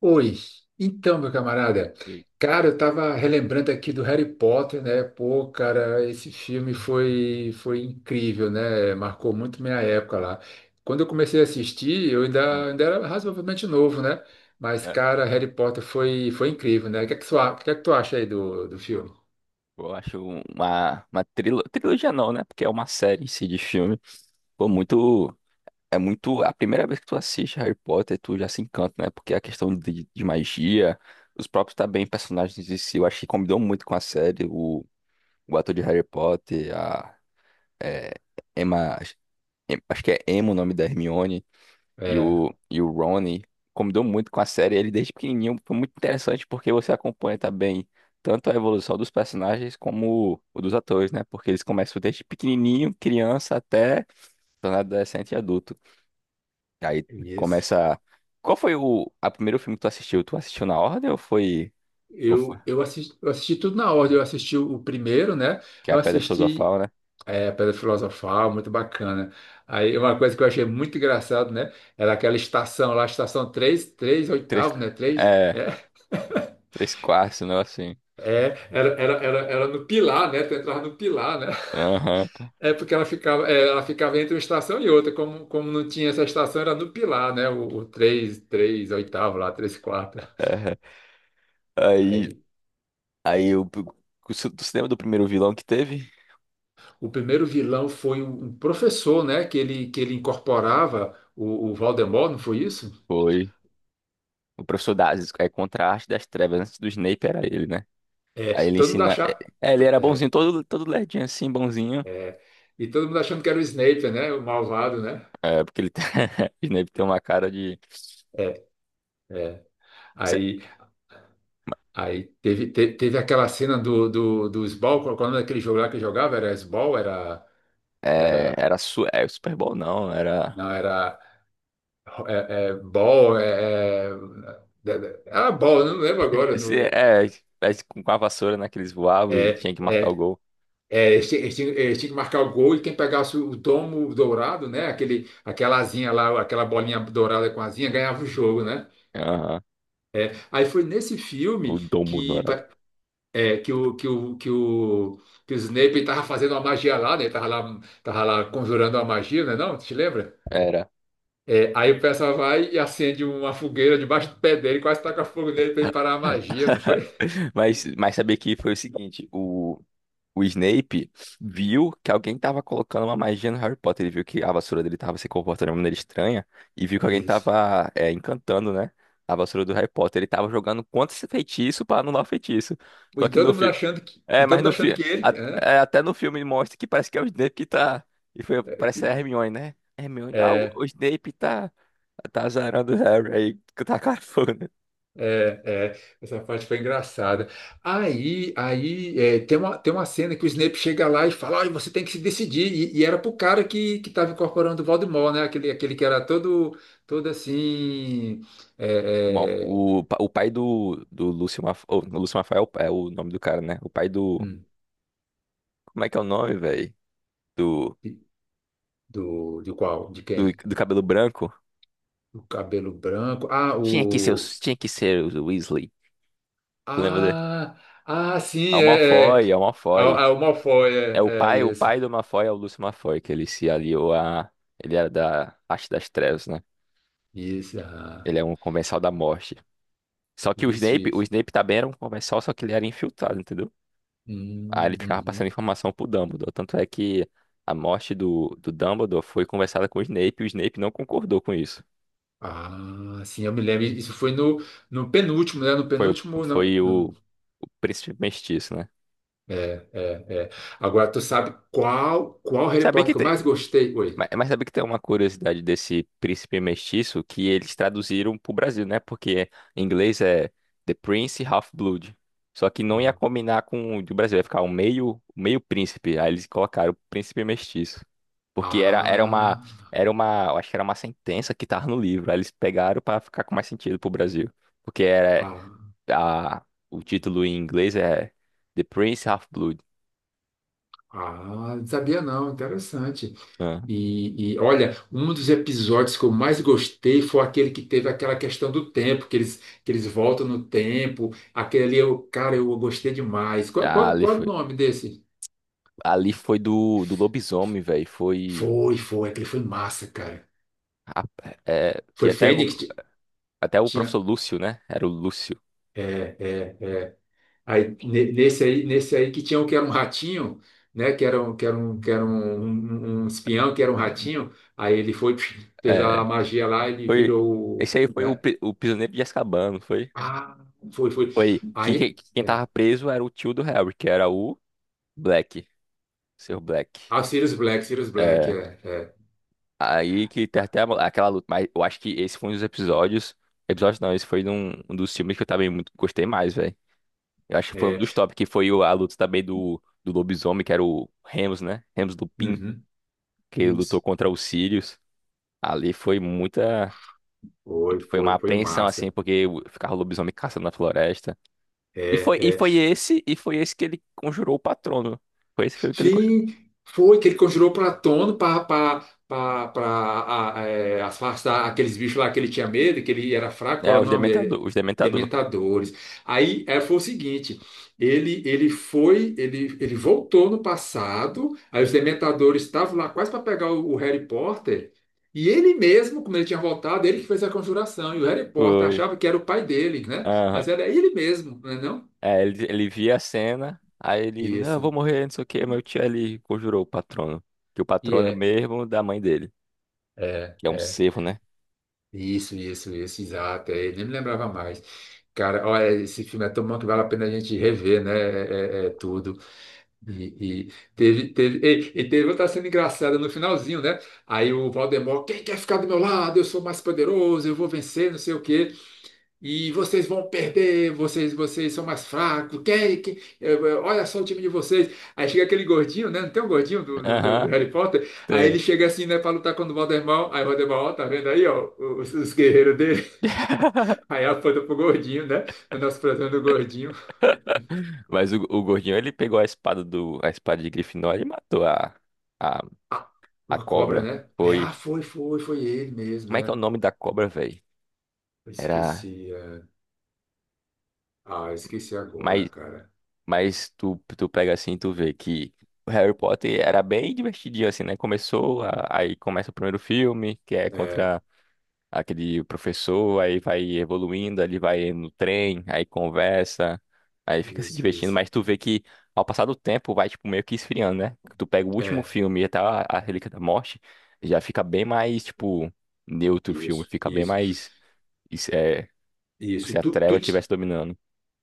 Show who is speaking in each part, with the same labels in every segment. Speaker 1: Oi, então, meu camarada,
Speaker 2: E-
Speaker 1: cara, eu tava relembrando aqui do Harry Potter, né? Pô, cara, esse filme foi incrível, né? Marcou muito minha época lá. Quando eu comecei a assistir, eu
Speaker 2: hum,
Speaker 1: ainda era razoavelmente novo, né? Mas,
Speaker 2: é,
Speaker 1: cara, Harry Potter foi incrível, né? O que é o que é que tu acha aí do filme?
Speaker 2: eu acho uma trilogia não, né? Porque é uma série em si de filme. Pô, muito. É muito. A primeira vez que tu assiste Harry Potter, tu já se encanta, né? Porque a questão de magia, os próprios também personagens em si, eu acho que combinou muito com a série. O ator de Harry Potter, é, Emma. Acho que é Emma o nome da Hermione. E
Speaker 1: É,
Speaker 2: o, e o Ronnie combinou muito com a série. Ele, desde pequenininho, foi muito interessante porque você acompanha também tanto a evolução dos personagens como o dos atores, né? Porque eles começam desde pequenininho, criança, até tornar adolescente e adulto. E aí
Speaker 1: isso.
Speaker 2: começa. Qual foi o a primeiro filme que tu assistiu? Tu assistiu na ordem ou foi. Ou foi...
Speaker 1: Eu assisti tudo na ordem. Eu assisti o primeiro, né?
Speaker 2: Que é a
Speaker 1: Eu
Speaker 2: Pedra
Speaker 1: assisti
Speaker 2: Filosofal, né?
Speaker 1: É, Pedra Filosofal, muito bacana. Aí uma coisa que eu achei muito engraçado, né? Era aquela estação lá, estação 3 3
Speaker 2: Três.
Speaker 1: oitavo, né? Três,
Speaker 2: É,
Speaker 1: né?
Speaker 2: três quartos, um assim.
Speaker 1: É, era no Pilar, né? Tu entrava no Pilar, né?
Speaker 2: Aham.
Speaker 1: É porque ela ficava entre uma estação e outra. Como não tinha essa estação, era no Pilar, né? O três 3 oitavo lá, 3 quarto.
Speaker 2: É. Aí.
Speaker 1: Aí,
Speaker 2: Aí o. Tu se lembra do primeiro vilão que teve?
Speaker 1: o primeiro vilão foi um professor, né? Que ele incorporava o Voldemort, não foi isso?
Speaker 2: Foi. O professor Dazis é contraste das trevas. Antes do Snape era ele, né?
Speaker 1: É,
Speaker 2: Aí ele
Speaker 1: todo mundo
Speaker 2: ensina.
Speaker 1: achava.
Speaker 2: Ele era bonzinho, todo lerdinho assim, bonzinho.
Speaker 1: É, e todo mundo achando que era o Snape, né? O malvado, né?
Speaker 2: É, porque ele tem... o Snape tem uma cara de.
Speaker 1: É, é.
Speaker 2: Se-
Speaker 1: Aí, teve aquela cena do Sball, qual é o nome daquele jogo lá que jogava? Era Sball? Era,
Speaker 2: Super Bowl, não. Era.
Speaker 1: não, é, é, Ball, é, é, era Ball, eu não lembro agora. No,
Speaker 2: Com a vassoura, né? Que eles voavam e
Speaker 1: é,
Speaker 2: tinha que marcar o
Speaker 1: é,
Speaker 2: gol.
Speaker 1: eles tinham que marcar o gol e quem pegasse o domo dourado, né? Aquela asinha lá, aquela bolinha dourada com asinha, ganhava o jogo, né?
Speaker 2: Aham.
Speaker 1: É, aí foi nesse
Speaker 2: O
Speaker 1: filme
Speaker 2: domo
Speaker 1: que
Speaker 2: dourado.
Speaker 1: É, que o, que o, que o, que o Snape tava fazendo uma magia lá, né? Ele tava lá conjurando uma magia, né? Não, tu te lembra?
Speaker 2: Era.
Speaker 1: É, aí o pessoal vai e acende uma fogueira debaixo do pé dele, quase taca fogo nele para ele parar a magia, não foi?
Speaker 2: Mas saber que foi o seguinte: o. O Snape viu que alguém tava colocando uma magia no Harry Potter. Ele viu que a vassoura dele tava se comportando de uma maneira estranha. E viu que alguém
Speaker 1: Isso.
Speaker 2: tava encantando, né? A vassoura do Harry Potter. Ele tava jogando contra esse feitiço pra anular o feitiço. Só
Speaker 1: E
Speaker 2: que no
Speaker 1: todo mundo
Speaker 2: filme.
Speaker 1: achando que, e
Speaker 2: É,
Speaker 1: todo
Speaker 2: mas
Speaker 1: mundo
Speaker 2: no
Speaker 1: achando
Speaker 2: filme.
Speaker 1: que ele, né?
Speaker 2: Até no filme mostra que parece que é o Snape que tá. E foi, parece a Hermione, né? Hermione, ah, o
Speaker 1: É,
Speaker 2: Snape tá. Tá azarando o Harry aí, que tá cafona.
Speaker 1: essa parte foi engraçada. Tem uma cena que o Snape chega lá e fala, olha, você tem que se decidir. E era pro cara que tava incorporando o Voldemort, né? Aquele que era todo assim. é, é,
Speaker 2: O pai do Lúcio Malfoy, o Lúcio Malfoy é é o nome do cara, né? O pai do.
Speaker 1: hum,
Speaker 2: Como é que é o nome, velho? Do,
Speaker 1: de qual? De quem?
Speaker 2: do cabelo branco?
Speaker 1: O cabelo branco. Ah,
Speaker 2: Tinha que ser,
Speaker 1: o.
Speaker 2: tinha que ser o Weasley. Tu lembra dele?
Speaker 1: Ah, ah,
Speaker 2: É
Speaker 1: sim,
Speaker 2: o
Speaker 1: é. É.
Speaker 2: Malfoy, é o Malfoy.
Speaker 1: Ah, o Malfoy,
Speaker 2: É o
Speaker 1: isso.
Speaker 2: pai do Malfoy é o Lúcio Malfoy, que ele se aliou a. Ele era da Arte das Trevas, né?
Speaker 1: Isso, ah,
Speaker 2: Ele é um comensal da morte. Só que
Speaker 1: isso,
Speaker 2: O
Speaker 1: isso.
Speaker 2: Snape também era um comensal, só que ele era infiltrado, entendeu? Aí ele ficava passando
Speaker 1: Uhum.
Speaker 2: informação pro Dumbledore. Tanto é que a morte do Dumbledore foi conversada com o Snape e o Snape não concordou com isso.
Speaker 1: Ah, sim, eu me lembro. Isso foi no penúltimo, né? No penúltimo.
Speaker 2: Foi o príncipe mestiço, né?
Speaker 1: É, é, é. Agora, tu sabe qual Harry
Speaker 2: Sabia
Speaker 1: Potter
Speaker 2: que
Speaker 1: que eu
Speaker 2: tem,
Speaker 1: mais gostei? Oi.
Speaker 2: mas sabia que tem uma curiosidade desse príncipe mestiço que eles traduziram pro Brasil, né? Porque em inglês é The Prince Half-Blood. Só que não ia
Speaker 1: Hum.
Speaker 2: combinar com o do Brasil, ia ficar um meio, meio príncipe. Aí eles colocaram príncipe mestiço. Porque
Speaker 1: Ah,
Speaker 2: era uma, eu acho que era uma sentença que tava no livro. Aí eles pegaram pra ficar com mais sentido pro Brasil. Porque era,
Speaker 1: ah,
Speaker 2: o título em inglês é The Prince Half-Blood.
Speaker 1: ah, não sabia não, interessante. Olha, um dos episódios que eu mais gostei foi aquele que teve aquela questão do tempo, que eles voltam no tempo. Aquele ali, eu, cara, eu gostei demais. Qual,
Speaker 2: Ah,
Speaker 1: qual,
Speaker 2: ali
Speaker 1: qual é o
Speaker 2: foi.
Speaker 1: nome desse?
Speaker 2: Ali foi do lobisomem, velho. Foi.
Speaker 1: Aquele foi massa, cara.
Speaker 2: rap- que
Speaker 1: Foi
Speaker 2: até,
Speaker 1: Fênix?
Speaker 2: até o
Speaker 1: Tinha,
Speaker 2: professor Lúcio, né? Era o Lúcio.
Speaker 1: é, é, é. Aí, ne- nesse aí, Nesse aí que tinha um que era um ratinho, né? Que era um espião, que era um ratinho. Aí ele foi, fez
Speaker 2: É,
Speaker 1: a magia lá, ele
Speaker 2: foi.
Speaker 1: virou,
Speaker 2: Esse aí foi
Speaker 1: né?
Speaker 2: o prisioneiro de Azkaban, não foi?
Speaker 1: Ah, foi, foi.
Speaker 2: Foi.
Speaker 1: Aí,
Speaker 2: Quem
Speaker 1: é.
Speaker 2: tava preso era o tio do Harry, que era o Black. Seu Black.
Speaker 1: Ah, Sirius Black, Sirius Black,
Speaker 2: É.
Speaker 1: é,
Speaker 2: Aí que tem até aquela luta. Mas eu acho que esse foi um dos episódios. Episódio não, esse foi um dos filmes que eu também muito gostei mais, velho. Eu acho que foi um
Speaker 1: é,
Speaker 2: dos
Speaker 1: é.
Speaker 2: top, que foi a luta também do lobisomem, que era o Remus, né? Remus Lupin.
Speaker 1: Uhum.
Speaker 2: Que lutou
Speaker 1: Isso.
Speaker 2: contra os Sirius. Ali foi muita.
Speaker 1: Foi,
Speaker 2: Foi uma
Speaker 1: foi, foi
Speaker 2: apreensão, assim,
Speaker 1: massa.
Speaker 2: porque ficava o lobisomem caçando na floresta. E
Speaker 1: É,
Speaker 2: foi, e
Speaker 1: é.
Speaker 2: foi esse, e foi esse que ele conjurou o patrono. Foi esse que foi o que ele conjurou.
Speaker 1: Sim, foi que ele conjurou Platão para afastar aqueles bichos lá que ele tinha medo, que ele era fraco,
Speaker 2: É,
Speaker 1: qual era
Speaker 2: os
Speaker 1: o nome dele?
Speaker 2: dementador, os dementador.
Speaker 1: Dementadores. Aí é, foi o seguinte, ele voltou no passado, aí os Dementadores estavam lá quase para pegar o Harry Potter, e ele mesmo, como ele tinha voltado, ele que fez a conjuração, e o Harry Potter
Speaker 2: Foi.
Speaker 1: achava que era o pai dele, né?
Speaker 2: Aham.
Speaker 1: Mas era ele mesmo, não é não?
Speaker 2: É, ele via a cena, não, eu vou
Speaker 1: Isso.
Speaker 2: morrer, não sei o quê. Meu tio ele conjurou o patrono. Que o
Speaker 1: E
Speaker 2: patrono é o
Speaker 1: é,
Speaker 2: mesmo da mãe dele.
Speaker 1: é,
Speaker 2: Que é um
Speaker 1: é.
Speaker 2: cervo, né?
Speaker 1: Isso, isso, isso, exato. É, nem me lembrava mais. Cara, olha, esse filme é tão bom que vale a pena a gente rever, né? É, é tudo. E, e teve, teve, e teve outra cena engraçada no finalzinho, né? Aí o Valdemar, quem quer ficar do meu lado? Eu sou mais poderoso, eu vou vencer, não sei o quê. E vocês vão perder, vocês são mais fracos. Olha só o time de vocês. Aí chega aquele gordinho, né? Não tem um gordinho do
Speaker 2: Aham,
Speaker 1: Harry Potter? Aí
Speaker 2: tem.
Speaker 1: ele chega assim, né, pra lutar contra o Voldemort. Aí o Voldemort, ó, tá vendo aí, ó, os guerreiros dele. Aí aponta pro gordinho, né? O nosso fratão do gordinho.
Speaker 2: O gordinho, ele pegou a espada do, a espada de Grifinória e matou a
Speaker 1: Ah,
Speaker 2: a
Speaker 1: uma cobra,
Speaker 2: cobra,
Speaker 1: né? Aí,
Speaker 2: foi.
Speaker 1: ah, foi ele mesmo,
Speaker 2: Como é que é o
Speaker 1: né?
Speaker 2: nome da cobra, velho?
Speaker 1: Eu
Speaker 2: Era.
Speaker 1: esqueci. É. Ah, eu esqueci agora,
Speaker 2: Mas,
Speaker 1: cara.
Speaker 2: Tu pega assim, e tu vê que o Harry Potter era bem divertidinho, assim, né? Começou, aí começa o primeiro filme, que é
Speaker 1: É,
Speaker 2: contra aquele professor, aí vai evoluindo, ele vai no trem, aí conversa, aí fica se
Speaker 1: isso,
Speaker 2: divertindo,
Speaker 1: isso.
Speaker 2: mas tu vê que ao passar do tempo vai, tipo, meio que esfriando, né? Tu pega o último
Speaker 1: É,
Speaker 2: filme e até a Relíquia da Morte, já fica bem mais, tipo, neutro o filme,
Speaker 1: isso,
Speaker 2: fica bem
Speaker 1: isso.
Speaker 2: mais isso é.
Speaker 1: Isso.
Speaker 2: Se a treva estivesse dominando.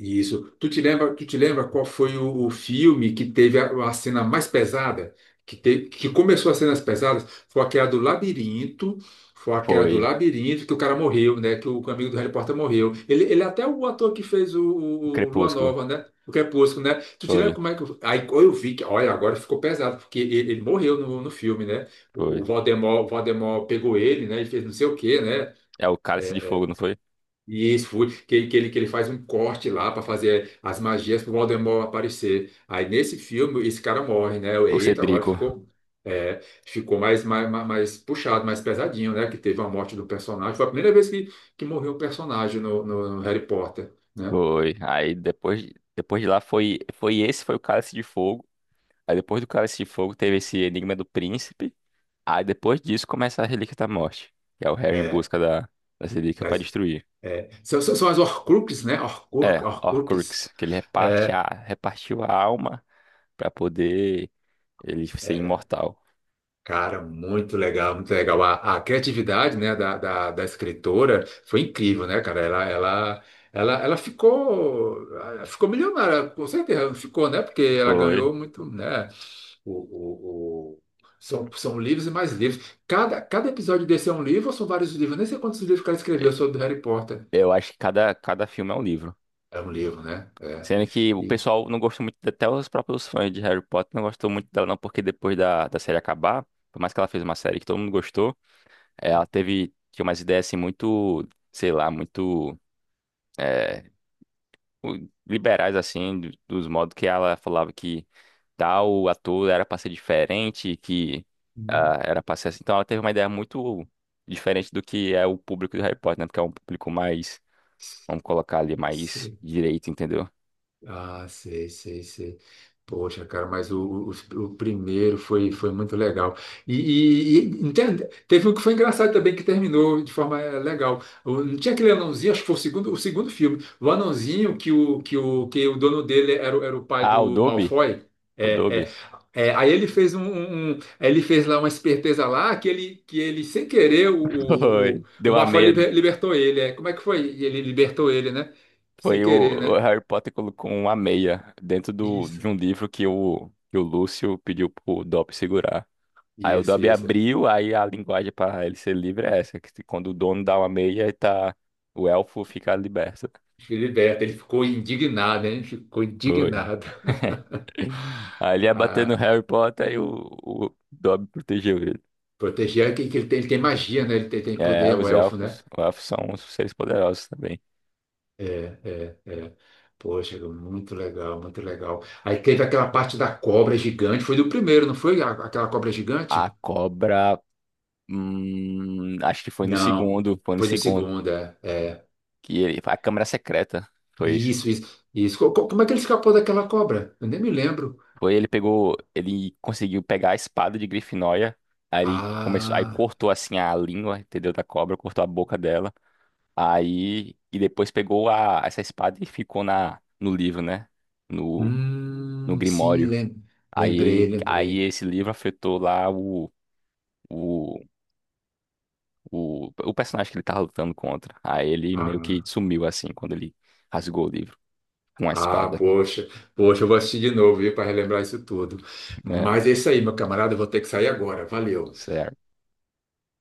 Speaker 1: Isso. Tu te lembra qual foi o filme que teve a cena mais pesada? Que começou as cenas pesadas? Foi aquela do labirinto. Foi aquela do
Speaker 2: Foi.
Speaker 1: labirinto que o cara morreu, né? Que o amigo do Harry Potter morreu. Ele é até o ator que fez o,
Speaker 2: O
Speaker 1: o, o Lua
Speaker 2: Crepúsculo.
Speaker 1: Nova, né? O Crepúsculo, né? Tu te lembra
Speaker 2: Foi.
Speaker 1: como é que. Aí eu vi que, olha, agora ficou pesado, porque ele morreu no filme, né? O
Speaker 2: Foi.
Speaker 1: o Voldemort, o Voldemort pegou ele, né? E fez não sei o quê, né?
Speaker 2: É o Cálice de
Speaker 1: É,
Speaker 2: Fogo, não foi?
Speaker 1: e isso foi que ele faz um corte lá para fazer as magias pro Voldemort aparecer. Aí nesse filme esse cara morre, né?
Speaker 2: O
Speaker 1: Eita, agora
Speaker 2: Cedrico.
Speaker 1: é, ficou mais puxado, mais pesadinho, né? Que teve a morte do personagem. Foi a primeira vez que morreu um personagem no Harry Potter, né?
Speaker 2: Foi. Aí depois, depois de lá foi, foi esse, foi o Cálice de Fogo. Aí depois do Cálice de Fogo teve esse Enigma do Príncipe. Aí depois disso começa a Relíquia da Morte. Que é o Harry em
Speaker 1: É,
Speaker 2: busca da relíquia para
Speaker 1: das-
Speaker 2: destruir.
Speaker 1: são as Horcruxes, né? Horcrux,
Speaker 2: É,
Speaker 1: Horcruxes.
Speaker 2: Horcrux. Que ele reparte
Speaker 1: É.
Speaker 2: a, repartiu a alma para poder ele ser
Speaker 1: É.
Speaker 2: imortal.
Speaker 1: Cara, muito legal, muito legal. A criatividade, né, da escritora foi incrível, né, cara? Ela ficou milionária, com certeza, não ficou, né? Porque ela
Speaker 2: Foi.
Speaker 1: ganhou muito, né? O, o, o- são livros e mais livros. Cada episódio desse é um livro ou são vários livros? Eu nem sei quantos livros que ela
Speaker 2: E-
Speaker 1: escreveu sobre Harry Potter.
Speaker 2: Eu acho que cada filme é um livro.
Speaker 1: É um livro, né? É.
Speaker 2: Sendo que o
Speaker 1: E...
Speaker 2: pessoal não gostou muito, até os próprios fãs de Harry Potter não gostou muito dela, não, porque depois da série acabar, por mais que ela fez uma série que todo mundo gostou, ela tinha umas ideias assim muito, sei lá, eh, liberais, assim, dos modos que ela falava que tal ator era pra ser diferente, que
Speaker 1: Hum.
Speaker 2: ah, era pra ser assim. Então ela teve uma ideia muito diferente do que é o público de Harry Potter, né? Porque é um público mais, vamos colocar ali, mais direito, entendeu?
Speaker 1: Ah, sei, sei, sei. Poxa, cara, mas o primeiro foi muito legal. E, e, entende? Teve um que foi engraçado também, que terminou de forma legal. Não tinha aquele anãozinho, acho que foi o segundo filme. O anãozinho que o dono dele era, era o pai
Speaker 2: Ah, o
Speaker 1: do
Speaker 2: Dobby?
Speaker 1: Malfoy.
Speaker 2: O
Speaker 1: É, é.
Speaker 2: Dobby.
Speaker 1: É, aí ele fez um, um- um- ele fez lá uma esperteza lá que ele sem querer o, o, o,
Speaker 2: Foi.
Speaker 1: o
Speaker 2: Deu a
Speaker 1: Malfoy
Speaker 2: meia, né?
Speaker 1: libertou ele. É. Como é que foi? Ele libertou ele, né? Sem
Speaker 2: Foi o,
Speaker 1: querer,
Speaker 2: o
Speaker 1: né?
Speaker 2: Harry Potter colocou uma meia dentro do,
Speaker 1: Isso.
Speaker 2: de um livro que o Lúcio pediu pro Dobby segurar. Aí o
Speaker 1: Isso,
Speaker 2: Dobby
Speaker 1: isso.
Speaker 2: abriu, aí a linguagem para ele ser livre é essa, que quando o dono dá uma meia, ele tá, o elfo fica liberto.
Speaker 1: Filiberto, ele ficou indignado, hein? Ficou
Speaker 2: Foi.
Speaker 1: indignado.
Speaker 2: Aí ele ia bater no
Speaker 1: Ah,
Speaker 2: Harry Potter e o Dobby protegeu ele.
Speaker 1: proteger que ele tem magia, né? Ele tem poder,
Speaker 2: É,
Speaker 1: é um elfo, né?
Speaker 2: os elfos são os seres poderosos também.
Speaker 1: É, é, é. Poxa, muito legal, muito legal. Aí teve aquela parte da cobra gigante, foi do primeiro, não foi? Aquela cobra
Speaker 2: A
Speaker 1: gigante?
Speaker 2: cobra, acho que foi no
Speaker 1: Não,
Speaker 2: segundo, foi no
Speaker 1: foi da
Speaker 2: segundo.
Speaker 1: segunda. É. É.
Speaker 2: Que ele, a Câmara Secreta, foi isso.
Speaker 1: Isso, isso, isso. Como é que ele escapou daquela cobra? Eu nem me lembro.
Speaker 2: Foi ele pegou, ele conseguiu pegar a espada de Grifinória, aí ele começou, aí
Speaker 1: Ah,
Speaker 2: cortou assim a língua, entendeu, da cobra, cortou a boca dela. Aí e depois pegou a essa espada e ficou na no livro, né? No no
Speaker 1: sim,
Speaker 2: Grimório.
Speaker 1: lembrei,
Speaker 2: Aí
Speaker 1: lembrei.
Speaker 2: esse livro afetou lá o, o personagem que ele tava lutando contra. Aí ele meio que
Speaker 1: Ah.
Speaker 2: sumiu assim quando ele rasgou o livro com a
Speaker 1: Ah,
Speaker 2: espada.
Speaker 1: poxa, eu vou assistir de novo, viu, para relembrar isso tudo.
Speaker 2: É,
Speaker 1: Mas é isso aí, meu camarada, eu vou ter que sair agora. Valeu.
Speaker 2: isso é